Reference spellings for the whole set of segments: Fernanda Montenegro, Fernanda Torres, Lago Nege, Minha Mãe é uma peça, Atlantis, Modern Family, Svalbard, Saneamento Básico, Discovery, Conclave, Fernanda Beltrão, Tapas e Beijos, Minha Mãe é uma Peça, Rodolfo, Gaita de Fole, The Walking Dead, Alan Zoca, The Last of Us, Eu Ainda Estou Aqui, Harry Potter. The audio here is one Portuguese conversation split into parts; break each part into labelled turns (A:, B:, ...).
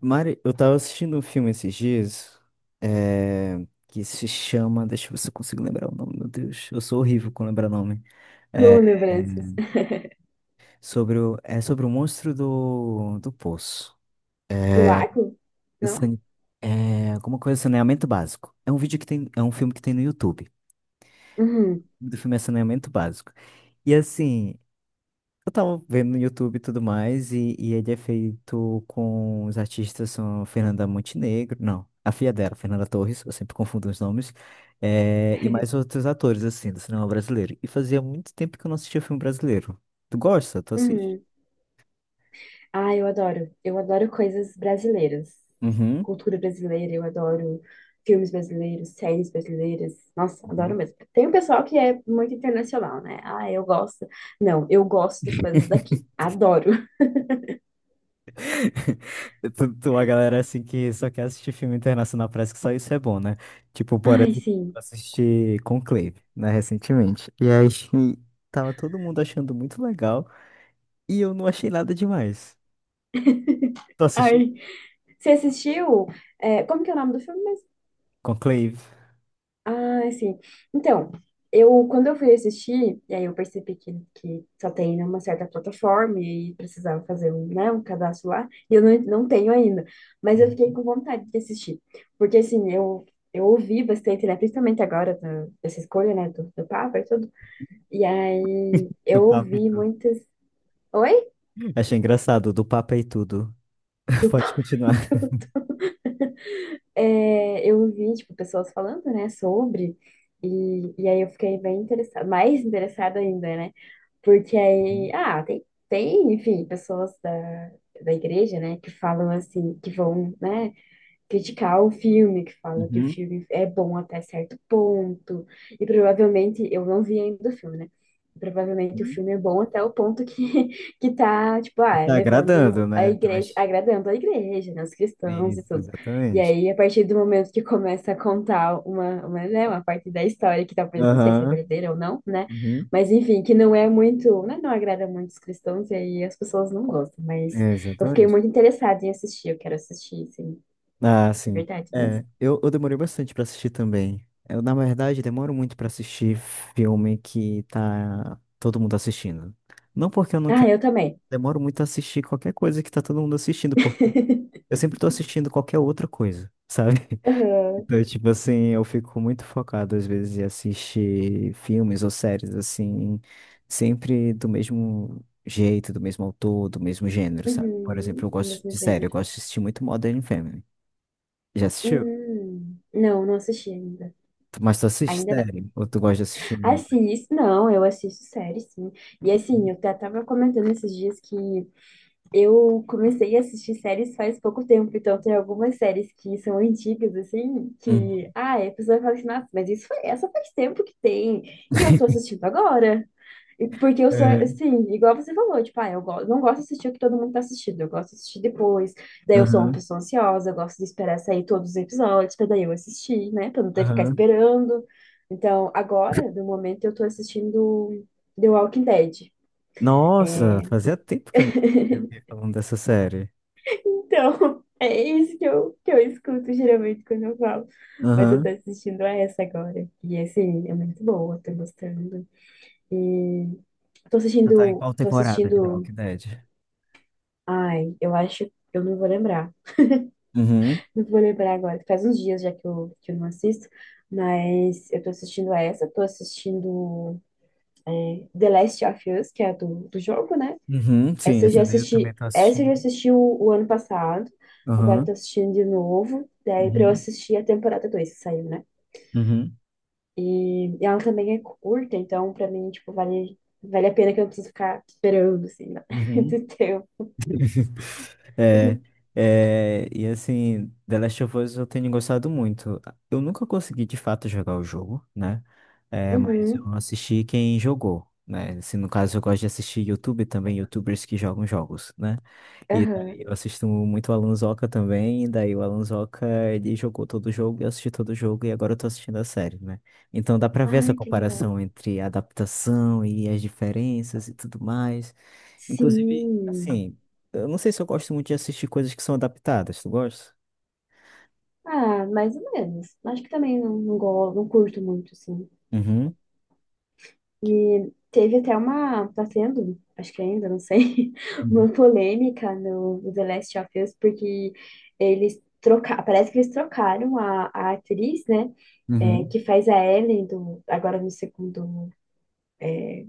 A: Mari, eu tava assistindo um filme esses dias, é, que se chama. Deixa eu ver se eu consigo lembrar o nome, meu Deus. Eu sou horrível com lembrar nome. É,
B: Com
A: é
B: lembranças.
A: é sobre o monstro do poço.
B: Do
A: É,
B: lago?
A: o
B: Não?
A: sane- alguma coisa, saneamento básico. É um vídeo que tem. É um filme que tem no YouTube.
B: Uhum.
A: O nome do filme é Saneamento Básico. E assim, eu tava vendo no YouTube e tudo mais, e ele é feito com os artistas são Fernanda Montenegro, não, a filha dela, Fernanda Torres, eu sempre confundo os nomes, e mais outros atores, assim, do cinema brasileiro. E fazia muito tempo que eu não assistia filme brasileiro. Tu gosta? Tu assiste?
B: Uhum. Ah, eu adoro. Eu adoro coisas brasileiras.
A: Uhum.
B: Cultura brasileira, eu adoro filmes brasileiros, séries brasileiras. Nossa, adoro
A: Uhum.
B: mesmo. Tem um pessoal que é muito internacional, né? Ah, eu gosto. Não, eu gosto das coisas daqui. Adoro.
A: A galera, assim, que só quer assistir filme internacional, parece que só isso é bom, né? Tipo, por
B: Ai,
A: exemplo,
B: sim.
A: eu assisti Conclave, né, recentemente. E aí, tava todo mundo achando muito legal, e eu não achei nada demais. Tu assistiu
B: Ai. Você assistiu? Como que é o nome do filme?
A: Conclave?
B: Ah, sim. Então, eu quando eu fui assistir, e aí eu percebi que só tem numa certa plataforma e precisava fazer um, né, um cadastro lá, e eu não tenho ainda. Mas eu fiquei
A: Uhum.
B: com vontade de assistir. Porque assim, eu ouvi bastante, né? Principalmente agora dessa escolha, né, do Papa e tudo. E aí
A: Do
B: eu
A: Papa e
B: ouvi
A: tudo.
B: muitas. Oi?
A: Achei engraçado, do Papa e tudo.
B: Do
A: Pode
B: Papa. E
A: continuar.
B: tudo. É, eu ouvi, tipo, pessoas falando, né, sobre. E aí eu fiquei bem interessada, mais interessada ainda, né? Porque aí,
A: Uhum.
B: ah, enfim, pessoas da igreja, né, que falam assim, que vão, né, criticar o filme, que fala que o
A: Uhum.
B: filme é bom até certo ponto, e provavelmente, eu não vi ainda o filme, né? Provavelmente o
A: Uhum.
B: filme é bom até o ponto que, que tá, tipo,
A: E
B: ah,
A: tá
B: levando
A: agradando,
B: a
A: né?
B: igreja,
A: Mas...
B: agradando a igreja, né, os cristãos e
A: isso,
B: tudo. E
A: exatamente.
B: aí, a partir do momento que começa a contar né, uma parte da história que talvez, não sei se é
A: Aham.
B: verdadeira ou não, né?
A: Uhum.
B: Mas enfim, que não é muito, né, não agrada muito os cristãos e aí as pessoas não gostam. Mas
A: É,
B: eu fiquei
A: exatamente.
B: muito interessada em assistir, eu quero assistir, sim.
A: Ah,
B: É
A: sim.
B: verdade, das...
A: É, eu demorei bastante pra assistir também. Eu, na verdade, demoro muito pra assistir filme que tá todo mundo assistindo. Não porque eu não
B: Ah,
A: quero,
B: eu também.
A: demoro muito a assistir qualquer coisa que tá todo mundo assistindo, porque eu sempre tô assistindo qualquer outra coisa, sabe?
B: Aham.
A: Então, tipo assim, eu fico muito focado às vezes em assistir filmes ou séries, assim, sempre do mesmo jeito, do mesmo autor, do mesmo gênero, sabe? Por exemplo,
B: Uhum.
A: eu
B: O
A: gosto
B: mesmo
A: de série, eu
B: gênero.
A: gosto de assistir muito Modern Family. Já assistiu?
B: Hum. Não, não assisti ainda.
A: Mas tu assiste
B: Ainda não.
A: série? Ou tu gosta de assistir?
B: Assisto, não, eu assisto série, sim. E assim, eu até tava comentando esses dias que eu comecei a assistir séries faz pouco tempo, então tem algumas séries que são antigas, assim, que,
A: Hum.
B: ah, a pessoa fala assim, nossa, mas isso foi, essa faz tempo que tem, e eu tô assistindo agora. E porque eu sou,
A: É.
B: sim, igual você falou, tipo, ah, não gosto de assistir o que todo mundo tá assistindo, eu gosto de assistir depois. Daí eu sou uma
A: Aham,
B: pessoa ansiosa, eu gosto de esperar sair todos os episódios pra daí eu assistir, né? Pra não ter que ficar
A: aham.
B: esperando. Então, agora, no momento, eu tô assistindo The Walking Dead.
A: Nossa,
B: É,
A: fazia tempo que eu não ouvia alguém falando dessa série.
B: então, é isso que eu escuto geralmente quando eu falo. Mas eu tô
A: Aham.
B: assistindo a essa agora. E assim, é muito boa, tô gostando. E
A: Tu tá em qual
B: tô
A: temporada de The
B: assistindo.
A: Walking Dead?
B: Ai, eu acho, eu não vou lembrar.
A: Uhum.
B: Não vou lembrar agora, faz uns dias já que eu não assisto, mas eu tô assistindo a essa, tô assistindo, The Last of Us, que é a do jogo, né?
A: Uhum, sim, essa daí eu também tô
B: Essa eu já
A: assistindo.
B: assisti o ano passado, agora eu
A: Aham.
B: tô assistindo de novo, daí pra eu
A: Uhum.
B: assistir a temporada 2 que saiu, né?
A: Uhum.
B: E ela também é curta, então pra mim, tipo, vale a pena que eu não preciso ficar esperando, assim, né?
A: Uhum.
B: Do tempo.
A: É, é, e assim, The Last of Us eu tenho gostado muito. Eu nunca consegui de fato jogar o jogo, né? É, mas eu
B: Uhum,
A: assisti quem jogou, né? Assim, no caso, eu gosto de assistir YouTube também, YouTubers que jogam jogos, né? E
B: aham.
A: daí eu assisto muito o Alan Zoca também, e daí o Alan Zoca, ele jogou todo o jogo, eu assisti todo o jogo, e agora eu tô assistindo a série, né? Então dá pra ver essa
B: Ai, que legal.
A: comparação entre a adaptação e as diferenças e tudo mais. Inclusive,
B: Sim.
A: assim, eu não sei se eu gosto muito de assistir coisas que são adaptadas. Tu gosta?
B: Ah, mais ou menos. Acho que também não curto muito, assim.
A: Uhum.
B: E teve até uma. Tá tendo, acho que ainda, não sei,
A: Uhum.
B: uma polêmica no The Last of Us, porque eles trocaram. Parece que eles trocaram a atriz, né? É,
A: Uhum.
B: que faz a Ellie do, agora no segundo.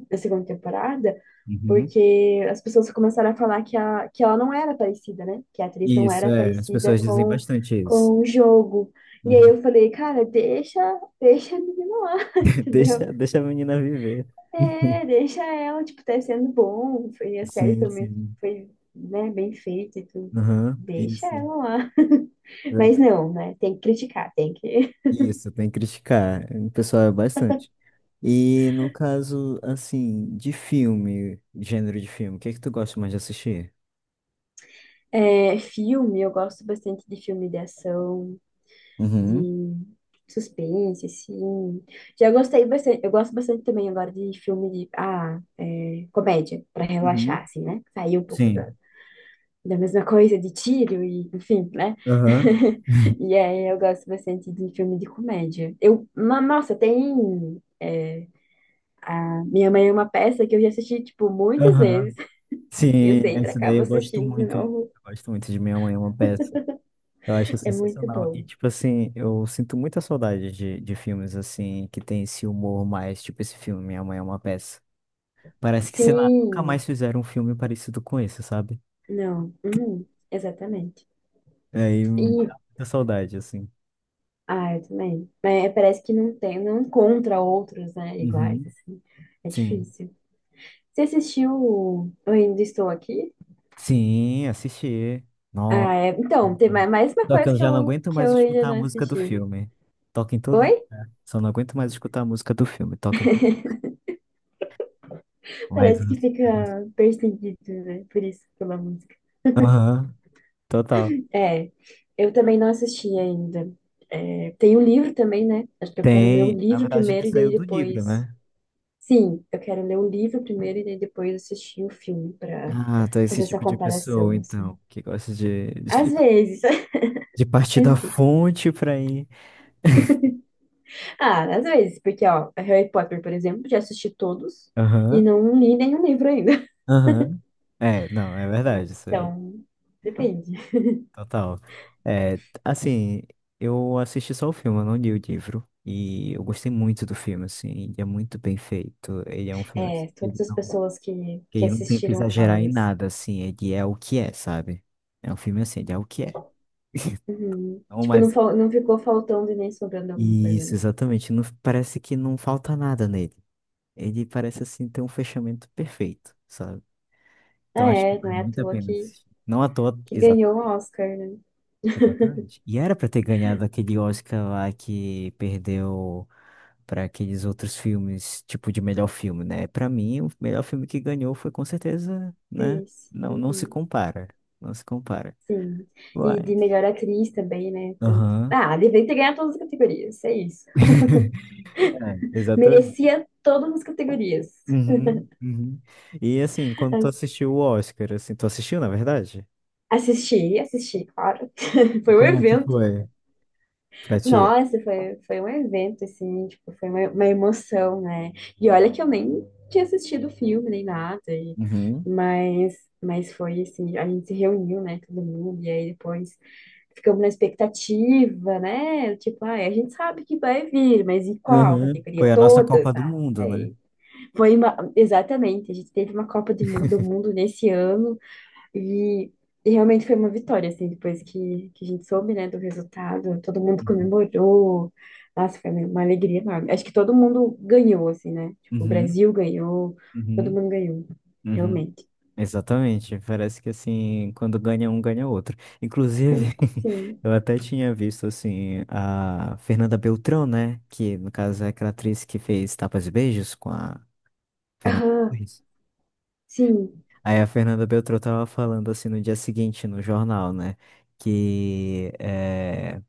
B: Da segunda temporada,
A: Uhum.
B: porque as pessoas começaram a falar que, a, que ela não era parecida, né? Que a atriz não
A: Isso,
B: era
A: é. As
B: parecida
A: pessoas dizem bastante isso.
B: com o jogo. E aí
A: Uhum.
B: eu falei, cara, deixa a menina lá, entendeu?
A: Deixa, deixa a menina viver.
B: É, deixa ela, tipo, tá sendo bom. Foi, a série
A: Sim,
B: foi muito,
A: sim.
B: foi, né, bem feita e tudo.
A: Aham,
B: Deixa
A: isso.
B: ela lá. Mas
A: É,
B: não, né? Tem que criticar, tem que.
A: isso, tem que criticar. O pessoal é bastante. E no caso, assim, de filme, gênero de filme, o que é que tu gosta mais de assistir?
B: É, filme, eu gosto bastante de filme de ação.
A: Uhum.
B: De suspense, assim. Já gostei bastante, eu gosto bastante também agora de filme de, ah, é, comédia, pra relaxar,
A: Uhum.
B: assim, né? Sair um pouco
A: Sim.
B: da mesma coisa de tiro e, enfim, né?
A: Aham.
B: E aí eu gosto bastante de filme de comédia. Nossa, tem... é, a Minha Mãe é uma Peça que eu já assisti, tipo, muitas
A: Aham.
B: vezes. E eu
A: Sim,
B: sempre
A: essa daí
B: acabo
A: eu gosto
B: assistindo de
A: muito, mano.
B: novo.
A: Eu gosto muito de Minha Mãe é uma Peça. Eu acho
B: É muito
A: sensacional. E,
B: bom.
A: tipo assim, eu sinto muita saudade de filmes, assim, que tem esse humor mais, tipo esse filme, Minha Mãe é uma Peça. Parece que, sei lá, nunca
B: Sim,
A: mais fizeram um filme parecido com esse, sabe?
B: não, uhum, exatamente.
A: Aí
B: E
A: dá muita saudade, assim.
B: ah, eu também. Mas é, parece que não tem, não encontra outros, né, iguais,
A: Uhum.
B: assim. É
A: Sim.
B: difícil. Você assistiu o Eu Ainda Estou Aqui?
A: Sim, assisti. Nossa.
B: Ah, é. Então, tem
A: Uhum.
B: mais mais uma
A: Só que
B: coisa
A: eu já não aguento
B: que
A: mais
B: eu ainda
A: escutar a
B: não
A: música do
B: assisti.
A: filme. Toca em
B: Oi?
A: todo. Só não aguento mais escutar a música do filme. Toca em todo. Mas
B: Parece que fica perseguido, né? Por isso, pela música.
A: aham, total.
B: É, eu também não assisti ainda. É, tem o livro também, né? Acho que eu quero ler o
A: Tem, na
B: livro
A: verdade, ele
B: primeiro e
A: saiu
B: daí
A: do livro,
B: depois.
A: né?
B: Sim, eu quero ler o livro primeiro e daí depois assistir o filme pra
A: Ah, tá esse
B: fazer essa
A: tipo de pessoa,
B: comparação, assim.
A: então, que gosta
B: Às vezes.
A: de partir da fonte pra ir.
B: Ah, às vezes, porque, ó, Harry Potter, por exemplo, já assisti todos e
A: Aham,
B: não li nenhum livro ainda.
A: aham. É, não, é verdade isso aí.
B: Então, depende.
A: Total. É, assim, eu assisti só o filme, eu não li o livro. E eu gostei muito do filme, assim, ele é muito bem feito. Ele é um filme assim,
B: É, todas as pessoas
A: que
B: que
A: ele não tenta
B: assistiram
A: exagerar
B: falam
A: em
B: isso.
A: nada, assim, ele é o que é, sabe? É um filme assim, ele é o que é.
B: Uhum.
A: Não
B: Tipo,
A: mais
B: não ficou faltando e nem sobrando alguma coisa,
A: Isso,
B: né?
A: exatamente. Não, parece que não falta nada nele. Ele parece assim ter um fechamento perfeito, sabe? Então
B: Ah,
A: acho que
B: é, não
A: vale
B: é à
A: muito a
B: toa
A: pena assistir. Não à toa,
B: que
A: exa-
B: ganhou o Oscar, né?
A: exatamente. E era pra ter ganhado aquele Oscar lá que perdeu pra aqueles outros filmes, tipo de melhor filme, né? Pra mim, o melhor filme que ganhou foi com certeza,
B: Foi
A: né?
B: isso.
A: Não, não se
B: Uhum.
A: compara. Não se compara.
B: Sim. E
A: Uai.
B: de melhor atriz também, né? Então,
A: Aham.
B: ah, devia ter ganhado todas as categorias, é isso.
A: É, exatamente.
B: Merecia todas as categorias.
A: Uhum, uhum. E assim, quando tu assistiu o Oscar, assim, tu assistiu, na verdade?
B: Assisti, assisti, claro. Foi um
A: Como é que
B: evento.
A: foi pra ti?
B: Nossa, foi um evento, assim, tipo, foi uma emoção, né? E olha que eu nem tinha assistido o filme, nem nada, e,
A: Uhum.
B: mas foi assim, a gente se reuniu, né, todo mundo, e aí depois ficamos na expectativa, né? Tipo, ah, a gente sabe que vai vir, mas e qual
A: Uhum.
B: categoria?
A: Foi a nossa
B: Todas,
A: Copa
B: ah,
A: do Mundo,
B: não
A: né?
B: sei. Foi uma, exatamente, a gente teve uma Copa do Mundo nesse ano, e, e realmente foi uma vitória, assim, depois que a gente soube, né, do resultado, todo mundo
A: Uhum.
B: comemorou. Nossa, foi uma alegria enorme. Acho que todo mundo ganhou, assim, né? Tipo, o
A: Uhum.
B: Brasil ganhou, todo
A: Uhum.
B: mundo ganhou,
A: Uhum.
B: realmente.
A: Exatamente. Parece que assim, quando ganha um, ganha outro. Inclusive,
B: Sim.
A: eu até tinha visto assim a Fernanda Beltrão, né? Que no caso é aquela atriz que fez Tapas e Beijos com a Fernanda
B: Aham,
A: Torres.
B: sim.
A: Aí a Fernanda Beltrão tava falando assim no dia seguinte no jornal, né? Que é...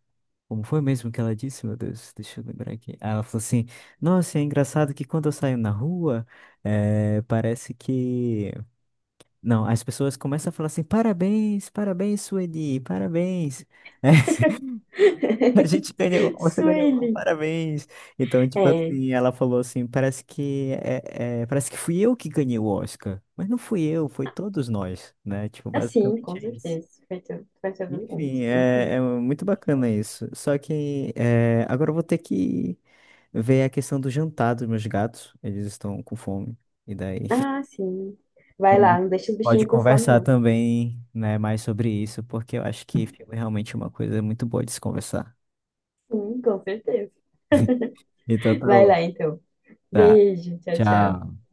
A: como foi mesmo que ela disse, meu Deus, deixa eu lembrar aqui. Ah, ela falou assim: "Nossa, é engraçado que quando eu saio na rua, parece que não, as pessoas começam a falar assim: Parabéns, parabéns, Sueli, parabéns." A gente ganhou, você ganhou,
B: Sueli.
A: parabéns. Então, tipo
B: É,
A: assim, ela falou assim, parece que parece que fui eu que ganhei o Oscar, mas não fui eu, foi todos nós, né? Tipo,
B: assim,
A: basicamente
B: com
A: é isso.
B: certeza. Vai ter todo mundo.
A: Enfim,
B: Uhum.
A: é muito bacana isso. Só que é, agora eu vou ter que ver a questão do jantar dos meus gatos. Eles estão com fome. E daí
B: Ah, sim. Vai lá,
A: pode
B: não deixa os
A: pode
B: bichinhos com fome,
A: conversar
B: não.
A: também, né, mais sobre isso, porque eu acho que filme é realmente uma coisa muito boa de se conversar.
B: Sim, com certeza.
A: Então tá
B: Vai
A: bom.
B: lá, então.
A: Tá.
B: Beijo, tchau, tchau.
A: Tchau.